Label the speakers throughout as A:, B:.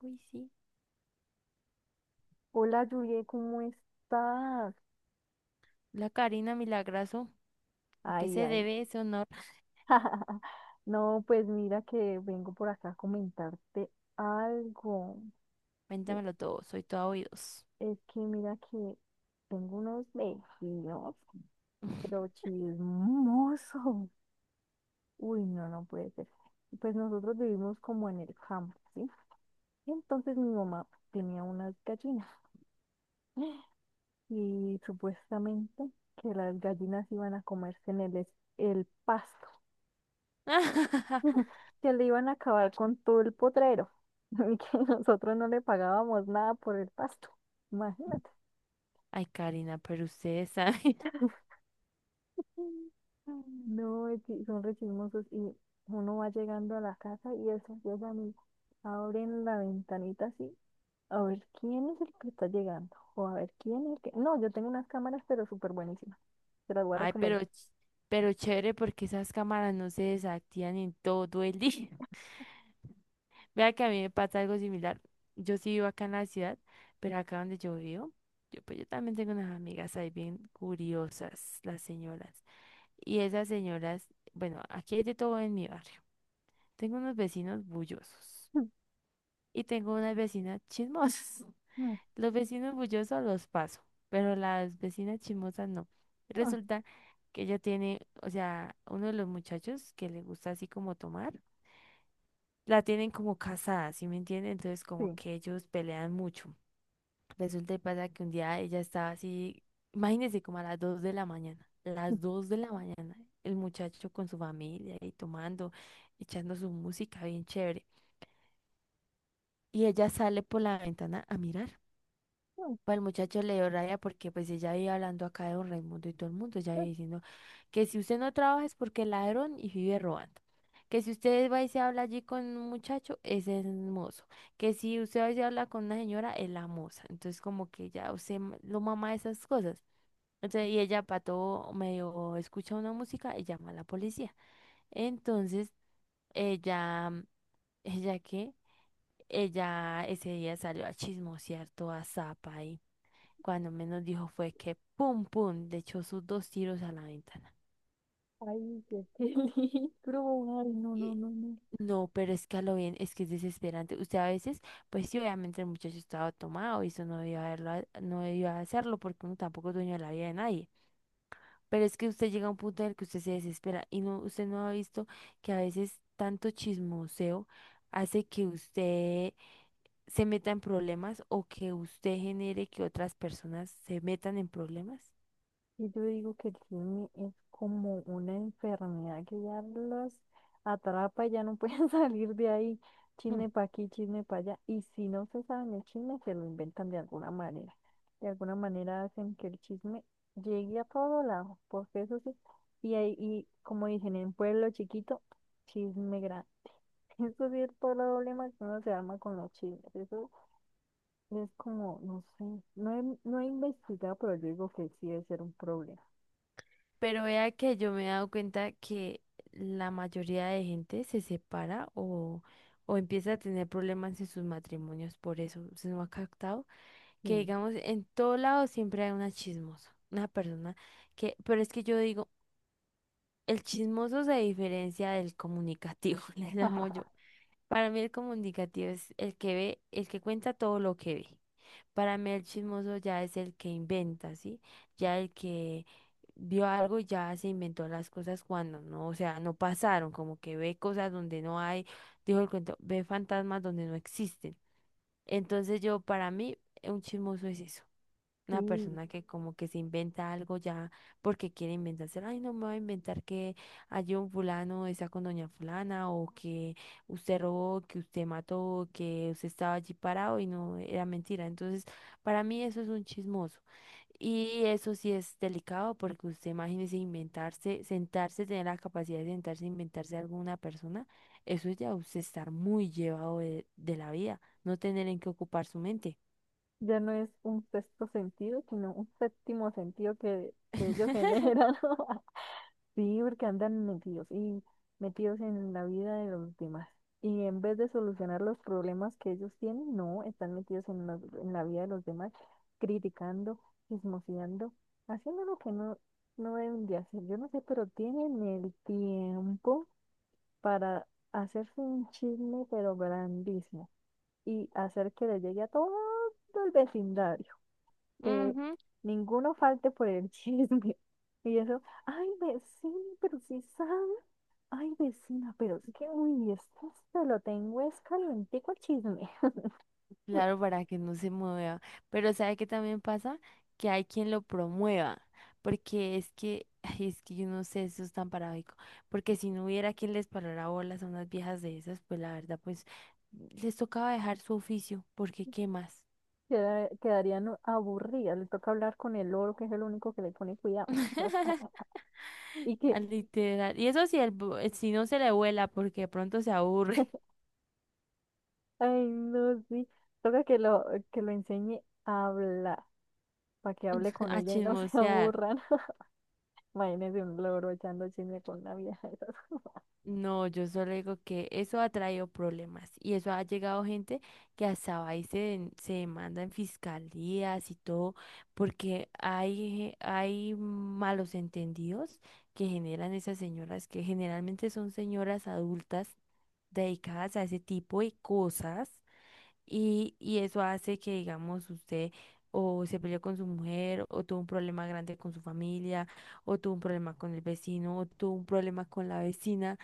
A: Uy, sí.
B: Hola, Julie, ¿cómo estás?
A: La Karina Milagrazo. ¿A qué
B: Ay,
A: se
B: ay.
A: debe ese honor?
B: No, pues mira que vengo por acá a comentarte algo. E-
A: Cuéntamelo todo, soy toda oídos.
B: Es que mira que tengo unos vecinos, pero chismosos. Uy, no, no puede ser. Pues nosotros vivimos como en el campo, ¿sí? Entonces mi mamá tenía unas gallinas y supuestamente que las gallinas iban a comerse en el, el pasto. Que le iban a acabar con todo el potrero y que nosotros no le pagábamos nada por el pasto. Imagínate.
A: Ay, Karina, pero ustedes saben.
B: No, es que son re chismosos y uno va llegando a la casa y eso llegan y abren la ventanita así a ver quién es el que está llegando o a ver quién es el que... No, yo tengo unas cámaras pero súper buenísimas. Te las voy a
A: Ay,
B: recomendar.
A: pero chévere porque esas cámaras no se desactivan en todo el día. Vea que a mí me pasa algo similar. Yo sí vivo acá en la ciudad, pero acá donde yo vivo, pues yo también tengo unas amigas ahí bien curiosas, las señoras. Y esas señoras, bueno, aquí hay de todo en mi barrio. Tengo unos vecinos bullosos y tengo unas vecinas chismosas. Los vecinos bullosos los paso, pero las vecinas chismosas no.
B: Ay,
A: Resulta que ella tiene, o sea, uno de los muchachos que le gusta así como tomar, la tienen como casada, ¿sí me entienden? Entonces como
B: sí.
A: que ellos pelean mucho. Resulta y pasa que un día ella estaba así, imagínense como a las 2 de la mañana, las 2 de la mañana, el muchacho con su familia y tomando, echando su música bien chévere. Y ella sale por la ventana a mirar.
B: Ay,
A: Pues el muchacho le dio rabia porque pues ella iba hablando acá de don Raimundo y todo el mundo, ella iba diciendo que si usted no trabaja es porque es ladrón y vive robando. Que si usted va y se habla allí con un muchacho, ese es el mozo. Que si usted va y se habla con una señora, es la moza. Entonces como que ya lo mama de esas cosas. Entonces, y ella para todo medio escucha una música y llama a la policía. Entonces, ella, ¿ella qué? Ella ese día salió a chismosear toda zapa y cuando menos dijo fue que pum pum le echó sus dos tiros a la ventana.
B: ay, qué peligro. Ay, no, no,
A: Y
B: no, no.
A: no, pero es que a lo bien, es que es desesperante. Usted a veces, pues sí, obviamente el muchacho estaba tomado y eso no no debió hacerlo porque uno tampoco es dueño de la vida de nadie. Pero es que usted llega a un punto en el que usted se desespera y no, usted no ha visto que a veces tanto chismoseo hace que usted se meta en problemas o que usted genere que otras personas se metan en problemas.
B: Y yo digo que el chisme es como una enfermedad que ya los atrapa y ya no pueden salir de ahí.
A: Mm.
B: Chisme para aquí, chisme para allá. Y si no se saben el chisme, se lo inventan de alguna manera. De alguna manera hacen que el chisme llegue a todo lado, porque eso sí. Y ahí, y como dicen, en pueblo chiquito, chisme grande. Eso sí es todo el problema que uno se arma con los chismes. Eso es como, no sé, no he investigado, pero yo digo que sí debe ser un problema.
A: Pero vea que yo me he dado cuenta que la mayoría de gente se separa o empieza a tener problemas en sus matrimonios por eso. ¿Se nos ha captado? Que
B: Sí.
A: digamos, en todo lado siempre hay una chismosa, una persona que, pero es que yo digo, el chismoso se diferencia del comunicativo, le llamo yo. Para mí el comunicativo es el que ve, el que cuenta todo lo que ve. Para mí el chismoso ya es el que inventa, ¿sí? Ya el que vio algo y ya se inventó las cosas cuando no, o sea, no pasaron, como que ve cosas donde no hay, dijo el cuento, ve fantasmas donde no existen. Entonces yo, para mí, un chismoso es eso. Una
B: Sí,
A: persona que como que se inventa algo ya porque quiere inventarse, ay, no me voy a inventar que hay un fulano está con doña fulana o que usted robó, que usted mató, que usted estaba allí parado y no era mentira. Entonces, para mí eso es un chismoso. Y eso sí es delicado porque usted imagínese inventarse, sentarse, tener la capacidad de sentarse, e inventarse alguna persona, eso es ya usted estar muy llevado de la vida, no tener en qué ocupar su mente.
B: ya no es un sexto sentido, sino un séptimo sentido que ellos generan. Sí, porque andan metidos y metidos en la vida de los demás. Y en vez de solucionar los problemas que ellos tienen, no, están metidos en, en la vida de los demás, criticando, chismoseando, haciendo lo que no, no deben de hacer. Yo no sé, pero tienen el tiempo para hacerse un chisme, pero grandísimo. Y hacer que le llegue a todo el vecindario, que
A: Ujú.
B: ninguno falte por el chisme. Y eso, ay, vecino, pero si sabe, ay, vecina, pero es que, uy, esto se lo tengo es calientico, el chisme.
A: Claro, para que no se mueva. Pero ¿sabe qué también pasa? Que hay quien lo promueva. Porque es que, ay, es que yo no sé, eso es tan paradójico. Porque si no hubiera quien les parara bolas a unas viejas de esas, pues la verdad, pues les tocaba dejar su oficio, porque ¿qué más?
B: Quedarían aburridas, le toca hablar con el loro, que es el único que le pone cuidado. Y que,
A: Al literal. Y eso si, si no se le vuela, porque de pronto se aburre
B: ay, no, sí, toca que lo, enseñe a hablar, para que hable con
A: a
B: ella y no se
A: chismosear.
B: aburran. Imagínense un loro echando chisme con una vieja de esas.
A: No, yo solo digo que eso ha traído problemas y eso ha llegado gente que hasta va y se demanda en fiscalías y todo, porque hay malos entendidos que generan esas señoras, que generalmente son señoras adultas dedicadas a ese tipo de cosas y eso hace que, digamos, usted o se peleó con su mujer o tuvo un problema grande con su familia o tuvo un problema con el vecino o tuvo un problema con la vecina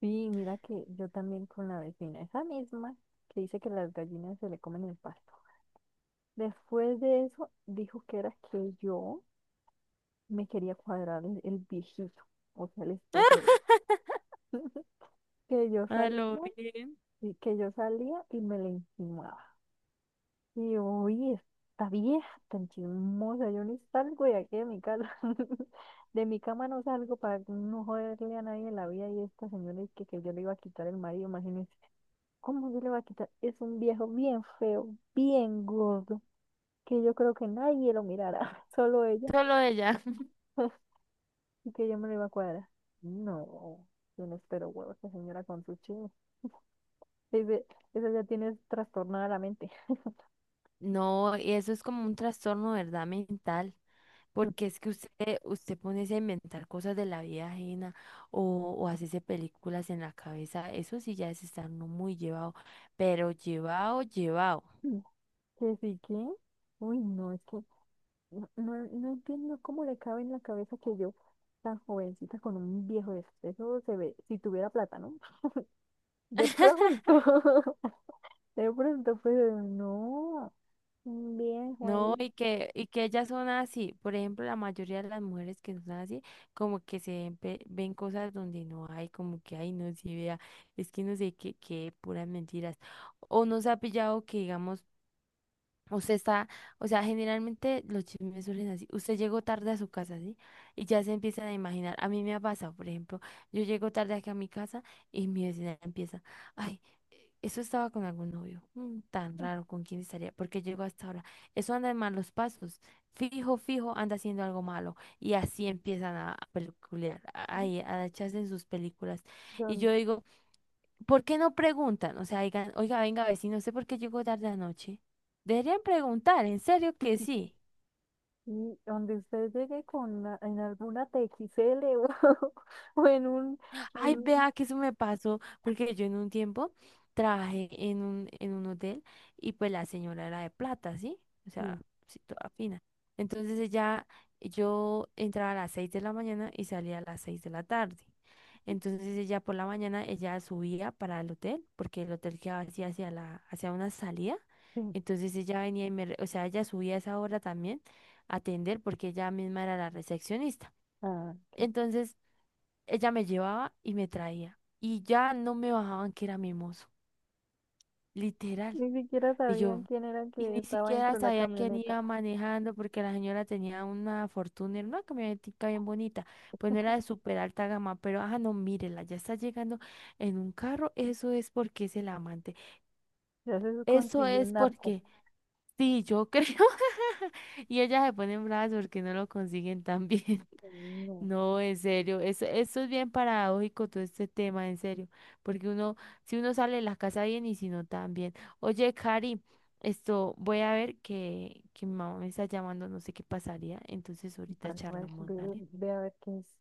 B: Sí, mira que yo también con la vecina, esa misma que dice que las gallinas se le comen el pasto. Después de eso, dijo que era que yo me quería cuadrar el viejito, o sea, el esposo de él. Que yo
A: a
B: salía,
A: lo bien.
B: y que yo salía y me le insinuaba. Y yo, oye, esta vieja tan chismosa, yo ni salgo de aquí de mi casa. De mi cama no salgo para no joderle a nadie la vida, y esta señora es que yo le iba a quitar el marido, imagínense. ¿Cómo se le va a quitar? Es un viejo bien feo, bien gordo, que yo creo que nadie lo mirará, solo ella,
A: Solo ella.
B: y que ella me lo iba a cuadrar. No, yo no espero huevos, esa señora con su chino. Dice, esa ya tiene trastornada la mente.
A: No, y eso es como un trastorno, ¿verdad? Mental, porque es que usted pone a inventar cosas de la vida ajena o, o hacerse películas en la cabeza, eso sí ya es estar no muy llevado, pero llevado, llevado.
B: Que sí, que, uy, no, es que no entiendo cómo le cabe en la cabeza que yo, tan jovencita, con un viejo de estos, eso se ve, si tuviera plata, ¿no? De pronto, de pronto, pero no, un viejo
A: No,
B: ahí.
A: y que ellas son así. Por ejemplo, la mayoría de las mujeres que son así, como que se ven, ven cosas donde no hay, como que ay, no se vea, es que no sé qué, qué puras mentiras. O no se ha pillado que digamos usted está, o sea, generalmente los chismes surgen así. Usted llegó tarde a su casa, ¿sí? Y ya se empiezan a imaginar. A mí me ha pasado, por ejemplo, yo llego tarde aquí a mi casa y mi vecina empieza, ay, eso estaba con algún novio, mm, tan raro, ¿con quién estaría? Porque llegó hasta ahora. Eso anda en malos pasos. Fijo, fijo, anda haciendo algo malo. Y así empiezan a peliculear, a echarse en sus películas. Y yo
B: Don-
A: digo, ¿por qué no preguntan? O sea, digan, oiga, venga, vecino, ¿usted por qué llegó tarde anoche? Deberían preguntar, en serio que
B: y
A: sí.
B: y donde usted llegue con en alguna TXL o, o en un, en
A: Ay,
B: un-
A: vea que eso me pasó, porque yo en un tiempo trabajé en un hotel y pues la señora era de plata, ¿sí? O sea,
B: sí,
A: sí, toda fina. Entonces ella, yo entraba a las 6 de la mañana y salía a las 6 de la tarde. Entonces ella por la mañana, ella subía para el hotel, porque el hotel quedaba así hacia hacia una salida.
B: sí,
A: Entonces ella venía y o sea, ella subía a esa hora también a atender porque ella misma era la recepcionista.
B: ah, ok.
A: Entonces ella me llevaba y me traía. Y ya no me bajaban que era mimoso, literal.
B: Ni siquiera
A: Y
B: sabían
A: yo,
B: quién era el
A: y
B: que
A: ni
B: estaba
A: siquiera
B: dentro de la
A: sabía quién
B: camioneta.
A: iba manejando porque la señora tenía una Fortuner, una camionetica bien bonita. Pues no era de súper alta gama, pero ajá, no, mírela, ya está llegando en un carro. Eso es porque es el amante.
B: Ya se
A: Eso
B: consiguió un
A: es
B: narco.
A: porque, sí, yo creo. Y ella se pone en brazos porque no lo consiguen tan bien.
B: No,
A: No, en serio, eso es bien paradójico todo este tema, en serio, porque uno, si uno sale de la casa bien y si no también. Oye, Cari, esto, voy a ver que mi mamá me está llamando, no sé qué pasaría, entonces ahorita charlamos,
B: ve,
A: ¿vale?
B: ve a ver qué es.